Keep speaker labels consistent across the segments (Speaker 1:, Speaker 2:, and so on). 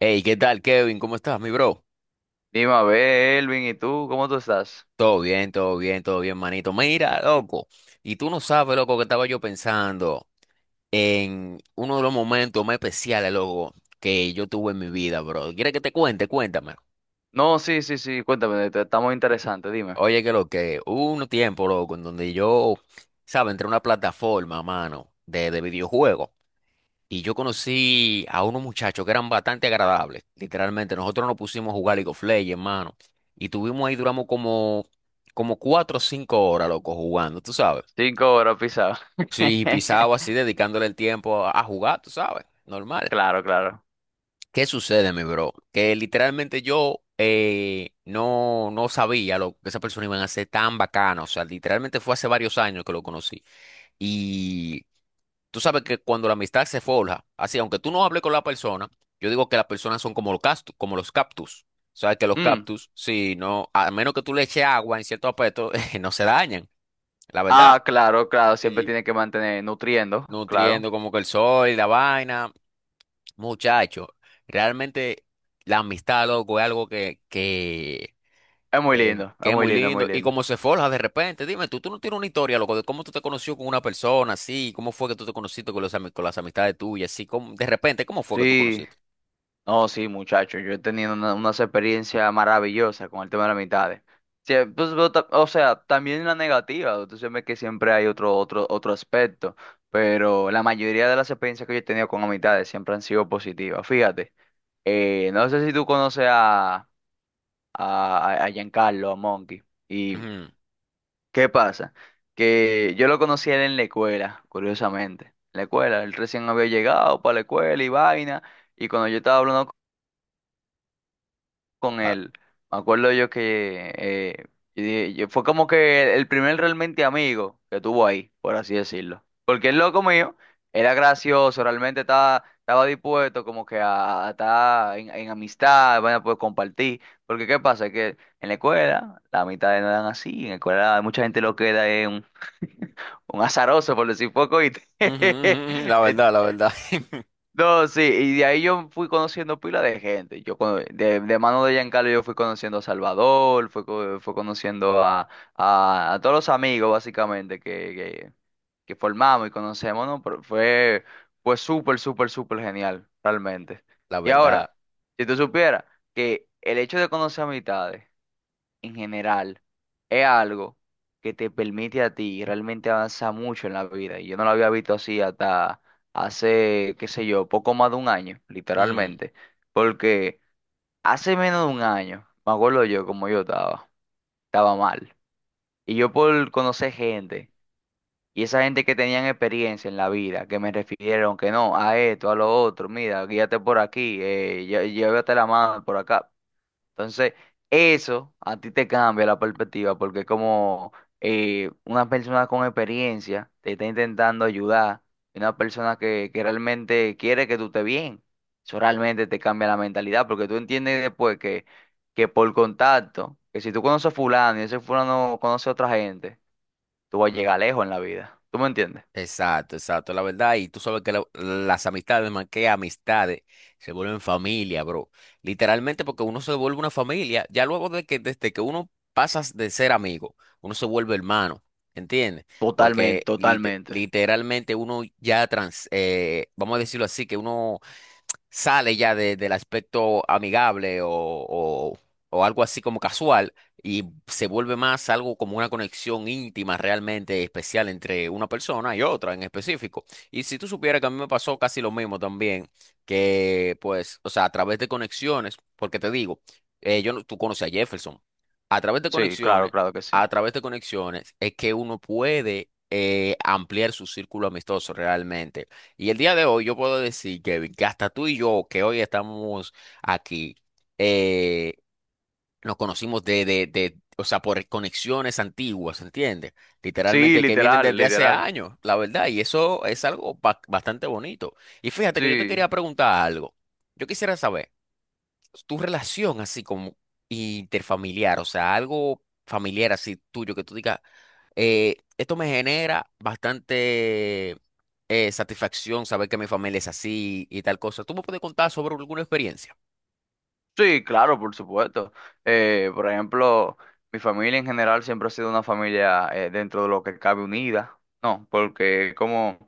Speaker 1: Hey, ¿qué tal, Kevin? ¿Cómo estás, mi bro?
Speaker 2: Dime, a ver, Elvin, ¿y tú? ¿Cómo tú estás?
Speaker 1: Todo bien, todo bien, todo bien, manito. Mira, loco, y tú no sabes, loco, que estaba yo pensando en uno de los momentos más especiales, loco, que yo tuve en mi vida, bro. ¿Quieres que te cuente? Cuéntame.
Speaker 2: No, sí, sí, sí, cuéntame, estamos interesantes, dime.
Speaker 1: Oye, que lo que hubo un tiempo, loco, en donde yo, ¿sabes? Entré a una plataforma, mano, de videojuegos. Y yo conocí a unos muchachos que eran bastante agradables, literalmente. Nosotros nos pusimos a jugar League of Legends, hermano. Y tuvimos ahí, duramos como, como cuatro o cinco horas, loco, jugando, tú sabes.
Speaker 2: Cinco horas pisado.
Speaker 1: Sí, pisado así, dedicándole el tiempo a jugar, tú sabes, normal.
Speaker 2: Claro, claro.
Speaker 1: ¿Qué sucede, mi bro? Que literalmente yo no, no sabía lo que esa persona iba a hacer tan bacana. O sea, literalmente fue hace varios años que lo conocí. Tú sabes que cuando la amistad se forja, así, aunque tú no hables con la persona, yo digo que las personas son como los cactus, como los cactus. Sabes que los
Speaker 2: Mm.
Speaker 1: cactus, si no, a menos que tú le eches agua en cierto aspecto, no se dañan, la verdad.
Speaker 2: Ah, claro, claro, siempre
Speaker 1: Sí.
Speaker 2: tiene que mantener nutriendo, claro.
Speaker 1: Nutriendo como que el sol, la vaina. Muchacho, realmente la amistad, loco, es algo que
Speaker 2: Es muy
Speaker 1: Eh,
Speaker 2: lindo, es
Speaker 1: que es
Speaker 2: muy
Speaker 1: muy
Speaker 2: lindo, es muy
Speaker 1: lindo. Y
Speaker 2: lindo.
Speaker 1: cómo se forja de repente. Dime, tú no tienes una historia, loco, de cómo tú te conoció con una persona así, cómo fue que tú te conociste con, los, ami- con las amistades tuyas, así, cómo- de repente, ¿cómo fue que tú
Speaker 2: Sí.
Speaker 1: conociste?
Speaker 2: No, sí, muchachos, yo he tenido una, unas experiencias maravillosas con el tema de las amistades. Sí, pues, pero o sea, también la negativa, entonces sabes que siempre hay otro aspecto, pero la mayoría de las experiencias que yo he tenido con amistades siempre han sido positivas. Fíjate, no sé si tú conoces a, a Giancarlo, a Monkey, y
Speaker 1: Ujú.
Speaker 2: ¿qué pasa? Que yo lo conocí a él en la escuela, curiosamente. En la escuela, él recién había llegado para la escuela y vaina. Y cuando yo estaba hablando con
Speaker 1: Ah,
Speaker 2: él. Me acuerdo yo que fue como que el primer realmente amigo que tuvo ahí, por así decirlo. Porque el loco mío era gracioso, realmente estaba dispuesto como que a estar en amistad, bueno, pues compartir. Porque ¿qué pasa? Que en la escuela la mitad no eran así, en la escuela mucha gente lo queda en un, un azaroso, por decir poco, y
Speaker 1: ujú, ujú, ujú, la
Speaker 2: entonces
Speaker 1: verdad, la verdad.
Speaker 2: no, sí, y de ahí yo fui conociendo pila de gente. De mano de Giancarlo yo fui conociendo a Salvador, fui conociendo a, a todos los amigos básicamente que formamos y conocemos, ¿no? Pero fue súper, súper, súper genial, realmente.
Speaker 1: La
Speaker 2: Y
Speaker 1: verdad.
Speaker 2: ahora, si tú supieras que el hecho de conocer amistades en general es algo que te permite a ti realmente avanzar mucho en la vida. Y yo no lo había visto así hasta hace, qué sé yo, poco más de un año, literalmente. Porque hace menos de un año, me acuerdo yo como estaba mal. Y yo por conocer gente, y esa gente que tenían experiencia en la vida, que me refirieron que no, a esto, a lo otro, mira, guíate por aquí, llévate la mano por acá. Entonces, eso a ti te cambia la perspectiva porque es como una persona con experiencia te está intentando ayudar y una persona que realmente quiere que tú estés bien. Eso realmente te cambia la mentalidad porque tú entiendes después que por contacto, que si tú conoces a fulano y ese fulano conoce a otra gente, tú vas a llegar lejos en la vida. ¿Tú me entiendes?
Speaker 1: Exacto, exacto, la verdad. Y tú sabes que la- las amistades, más que amistades, se vuelven familia, bro. Literalmente porque uno se vuelve una familia, ya luego de que desde que uno pasas de ser amigo, uno se vuelve hermano, ¿entiendes?
Speaker 2: Totalmente,
Speaker 1: Porque lite-
Speaker 2: totalmente.
Speaker 1: literalmente uno ya trans, vamos a decirlo así, que uno sale ya de- del aspecto amigable o algo así como casual y se vuelve más algo como una conexión íntima realmente especial entre una persona y otra en específico. Y si tú supieras que a mí me pasó casi lo mismo también, que pues, o sea, a través de conexiones, porque te digo, yo no- tú conoces a Jefferson, a través de
Speaker 2: Sí, claro,
Speaker 1: conexiones,
Speaker 2: claro que sí.
Speaker 1: a través de conexiones es que uno puede ampliar su círculo amistoso realmente. Y el día de hoy yo puedo decir Kevin, que hasta tú y yo, que hoy estamos aquí, eh, nos conocimos de, o sea, por conexiones antiguas, ¿entiendes?
Speaker 2: Sí,
Speaker 1: Literalmente que vienen
Speaker 2: literal,
Speaker 1: desde hace
Speaker 2: literal.
Speaker 1: años, la verdad, y eso es algo ba- bastante bonito. Y fíjate que yo te
Speaker 2: Sí.
Speaker 1: quería preguntar algo. Yo quisiera saber tu relación así como interfamiliar, o sea, algo familiar así tuyo que tú digas, esto me genera bastante satisfacción saber que mi familia es así y tal cosa. ¿Tú me puedes contar sobre alguna experiencia?
Speaker 2: Sí, claro, por supuesto. Por ejemplo, mi familia en general siempre ha sido una familia dentro de lo que cabe unida, ¿no? Porque como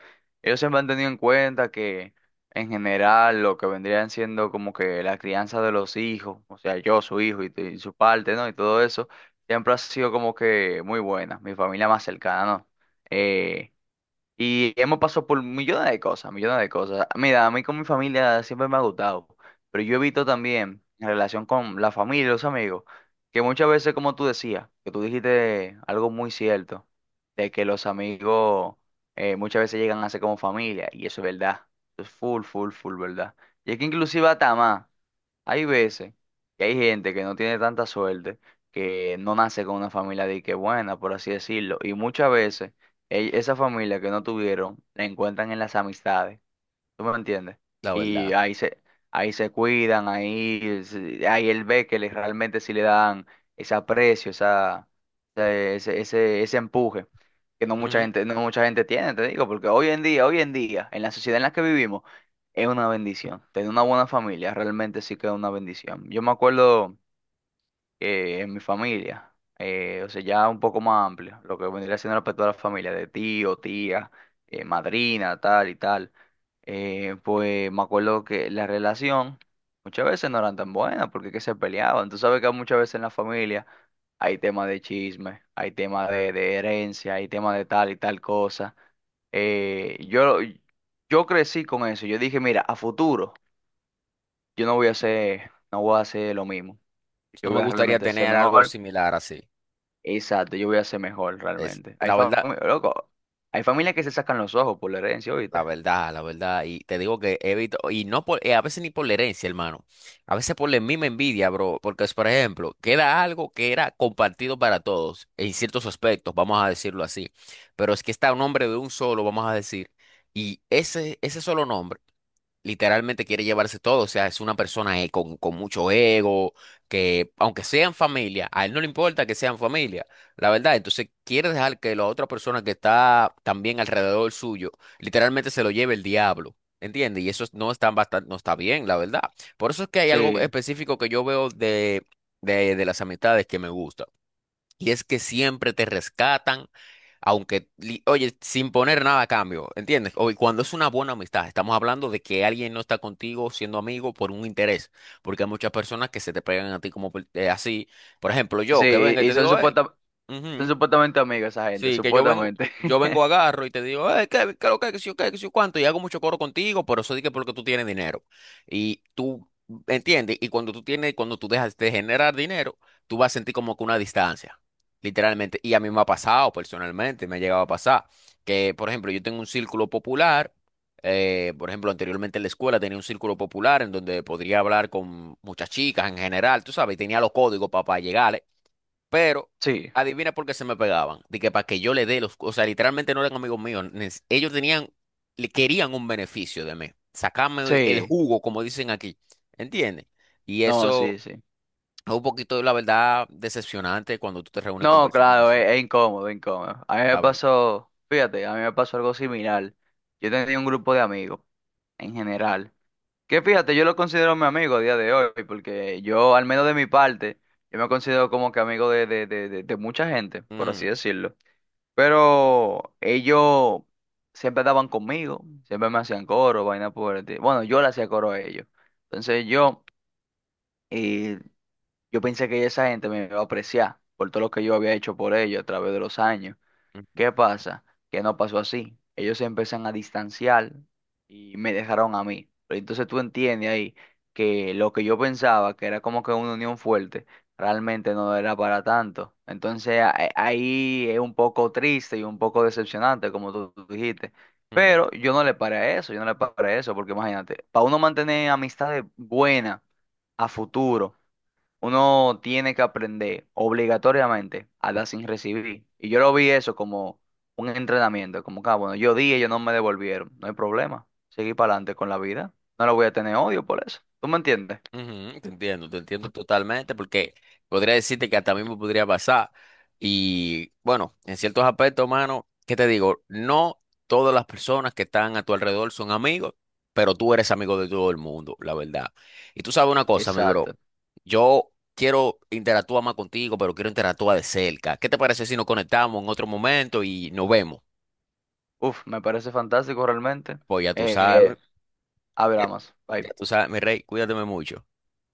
Speaker 2: ellos siempre han tenido en cuenta que en general lo que vendrían siendo como que la crianza de los hijos, o sea, yo, su hijo y su parte, ¿no? Y todo eso, siempre ha sido como que muy buena, mi familia más cercana, ¿no? Eh, y hemos pasado por millones de cosas, millones de cosas. Mira, a mí con mi familia siempre me ha gustado, pero yo he visto también en relación con la familia y los amigos, que muchas veces, como tú decías, que tú dijiste algo muy cierto, de que los amigos muchas veces llegan a ser como familia, y eso es verdad, eso es full, full, full verdad. Y es que inclusive hasta más. Hay veces que hay gente que no tiene tanta suerte, que no nace con una familia de que buena, por así decirlo, y muchas veces esa familia que no tuvieron la encuentran en las amistades. ¿Tú me entiendes?
Speaker 1: La
Speaker 2: Y
Speaker 1: verdad.
Speaker 2: ahí se, ahí se cuidan, ahí, ahí él ve que realmente sí le dan ese aprecio, ese empuje que no mucha
Speaker 1: Ujú.
Speaker 2: gente, no mucha gente tiene, te digo, porque hoy en día, en la sociedad en la que vivimos, es una bendición. Tener una buena familia realmente sí que es una bendición. Yo me acuerdo en mi familia, o sea, ya un poco más amplio, lo que vendría siendo respecto a la familia de tío, tía, madrina, tal y tal, pues me acuerdo que la relación muchas veces no eran tan buenas porque que se peleaban. Tú sabes que muchas veces en la familia hay temas de chisme, hay temas de herencia, hay temas de tal y tal cosa. Eh, yo, yo crecí con eso, yo dije, mira, a futuro yo no voy a hacer, no voy a hacer lo mismo,
Speaker 1: No
Speaker 2: yo
Speaker 1: me
Speaker 2: voy a
Speaker 1: gustaría
Speaker 2: realmente ser
Speaker 1: tener algo
Speaker 2: mejor.
Speaker 1: similar así.
Speaker 2: Exacto, yo voy a ser mejor
Speaker 1: Es,
Speaker 2: realmente. Hay
Speaker 1: la verdad.
Speaker 2: familias, loco, hay familias que se sacan los ojos por la herencia,
Speaker 1: La
Speaker 2: ¿viste?
Speaker 1: verdad, la verdad. Y te digo que evito, y no por, a veces ni por la herencia, hermano. A veces por la misma envidia, bro. Porque es, por ejemplo, queda algo que era compartido para todos, en ciertos aspectos, vamos a decirlo así. Pero es que está un nombre de un solo, vamos a decir. Y ese solo nombre literalmente quiere llevarse todo. O sea, es una persona con mucho ego, que aunque sean familia, a él no le importa que sean familia, la verdad. Entonces quiere dejar que la otra persona que está también alrededor suyo literalmente se lo lleve el diablo. ¿Entiendes? Y eso es- no está, bastante, no está bien, la verdad. Por eso es que hay algo
Speaker 2: Sí,
Speaker 1: específico que yo veo de, de las amistades que me gusta. Y es que siempre te rescatan, aunque, li- oye, sin poner nada a cambio, ¿entiendes? O, y cuando es una buena amistad, estamos hablando de que alguien no está contigo siendo amigo por un interés, porque hay muchas personas que se te pegan a ti como por- así. Por ejemplo, yo que
Speaker 2: sí,
Speaker 1: venga y
Speaker 2: y
Speaker 1: te
Speaker 2: son,
Speaker 1: digo, hey,
Speaker 2: son supuestamente amigos esa gente,
Speaker 1: sí, que
Speaker 2: supuestamente.
Speaker 1: yo vengo, agarro y te digo, Kevin, ¿qué, lo que, qué, sé yo qué, qué sé yo cuánto, y hago mucho coro contigo, pero eso dije porque tú tienes dinero. Y tú, ¿entiendes? Y cuando tú tienes, cuando tú dejas de generar dinero, tú vas a sentir como que una distancia, literalmente. Y a mí me ha pasado personalmente, me ha llegado a pasar, que, por ejemplo, yo tengo un círculo popular, por ejemplo, anteriormente en la escuela tenía un círculo popular en donde podría hablar con muchas chicas en general, tú sabes, y tenía los códigos para, llegar. Pero
Speaker 2: Sí,
Speaker 1: adivina por qué se me pegaban. De que para que yo le dé los. O sea, literalmente no eran amigos míos. Nes- Ellos tenían, le querían un beneficio de mí. Sacarme el
Speaker 2: sí,
Speaker 1: jugo, como dicen aquí. ¿Entiendes? Y
Speaker 2: no,
Speaker 1: eso
Speaker 2: sí, sí.
Speaker 1: es un poquito, la verdad, decepcionante cuando tú te reúnes con
Speaker 2: No,
Speaker 1: personas
Speaker 2: claro,
Speaker 1: así.
Speaker 2: es incómodo, es incómodo. A mí me
Speaker 1: La verdad.
Speaker 2: pasó, fíjate, a mí me pasó algo similar. Yo tenía un grupo de amigos, en general, que fíjate, yo lo considero mi amigo a día de hoy, porque yo, al menos de mi parte, yo me considero como que amigo de, de mucha gente, por así
Speaker 1: Ujú,
Speaker 2: decirlo. Pero ellos siempre daban conmigo, siempre me hacían coro, vaina por el bueno, yo le hacía coro a ellos. Entonces yo, eh, yo pensé que esa gente me iba a apreciar por todo lo que yo había hecho por ellos a través de los años. ¿Qué pasa? Que no pasó así. Ellos se empiezan a distanciar y me dejaron a mí. Pero entonces tú entiendes ahí que lo que yo pensaba, que era como que una unión fuerte, realmente no era para tanto. Entonces ahí es un poco triste y un poco decepcionante, como tú dijiste.
Speaker 1: ujú.
Speaker 2: Pero yo no le paré a eso, yo no le paré a eso, porque imagínate, para uno mantener amistades buenas a futuro uno tiene que aprender obligatoriamente a dar sin recibir. Y yo lo vi eso como un entrenamiento, como que, ah, bueno, yo di, ellos no me devolvieron, no hay problema. Seguí para adelante con la vida. No le voy a tener odio por eso. ¿Tú me entiendes?
Speaker 1: Ujú, te entiendo totalmente, porque podría decirte que hasta a mí me podría pasar. Y bueno, en ciertos aspectos, mano, ¿qué te digo? No todas las personas que están a tu alrededor son amigos, pero tú eres amigo de todo el mundo, la verdad. Y tú sabes una cosa, mi bro,
Speaker 2: Exacto.
Speaker 1: yo quiero interactuar más contigo, pero quiero interactuar de cerca. ¿Qué te parece si nos conectamos en otro momento y nos vemos?
Speaker 2: Uf, me parece fantástico realmente.
Speaker 1: Pues
Speaker 2: Eh, hablamos. Bye.
Speaker 1: ya tú sabes, mi rey, cuídate mucho.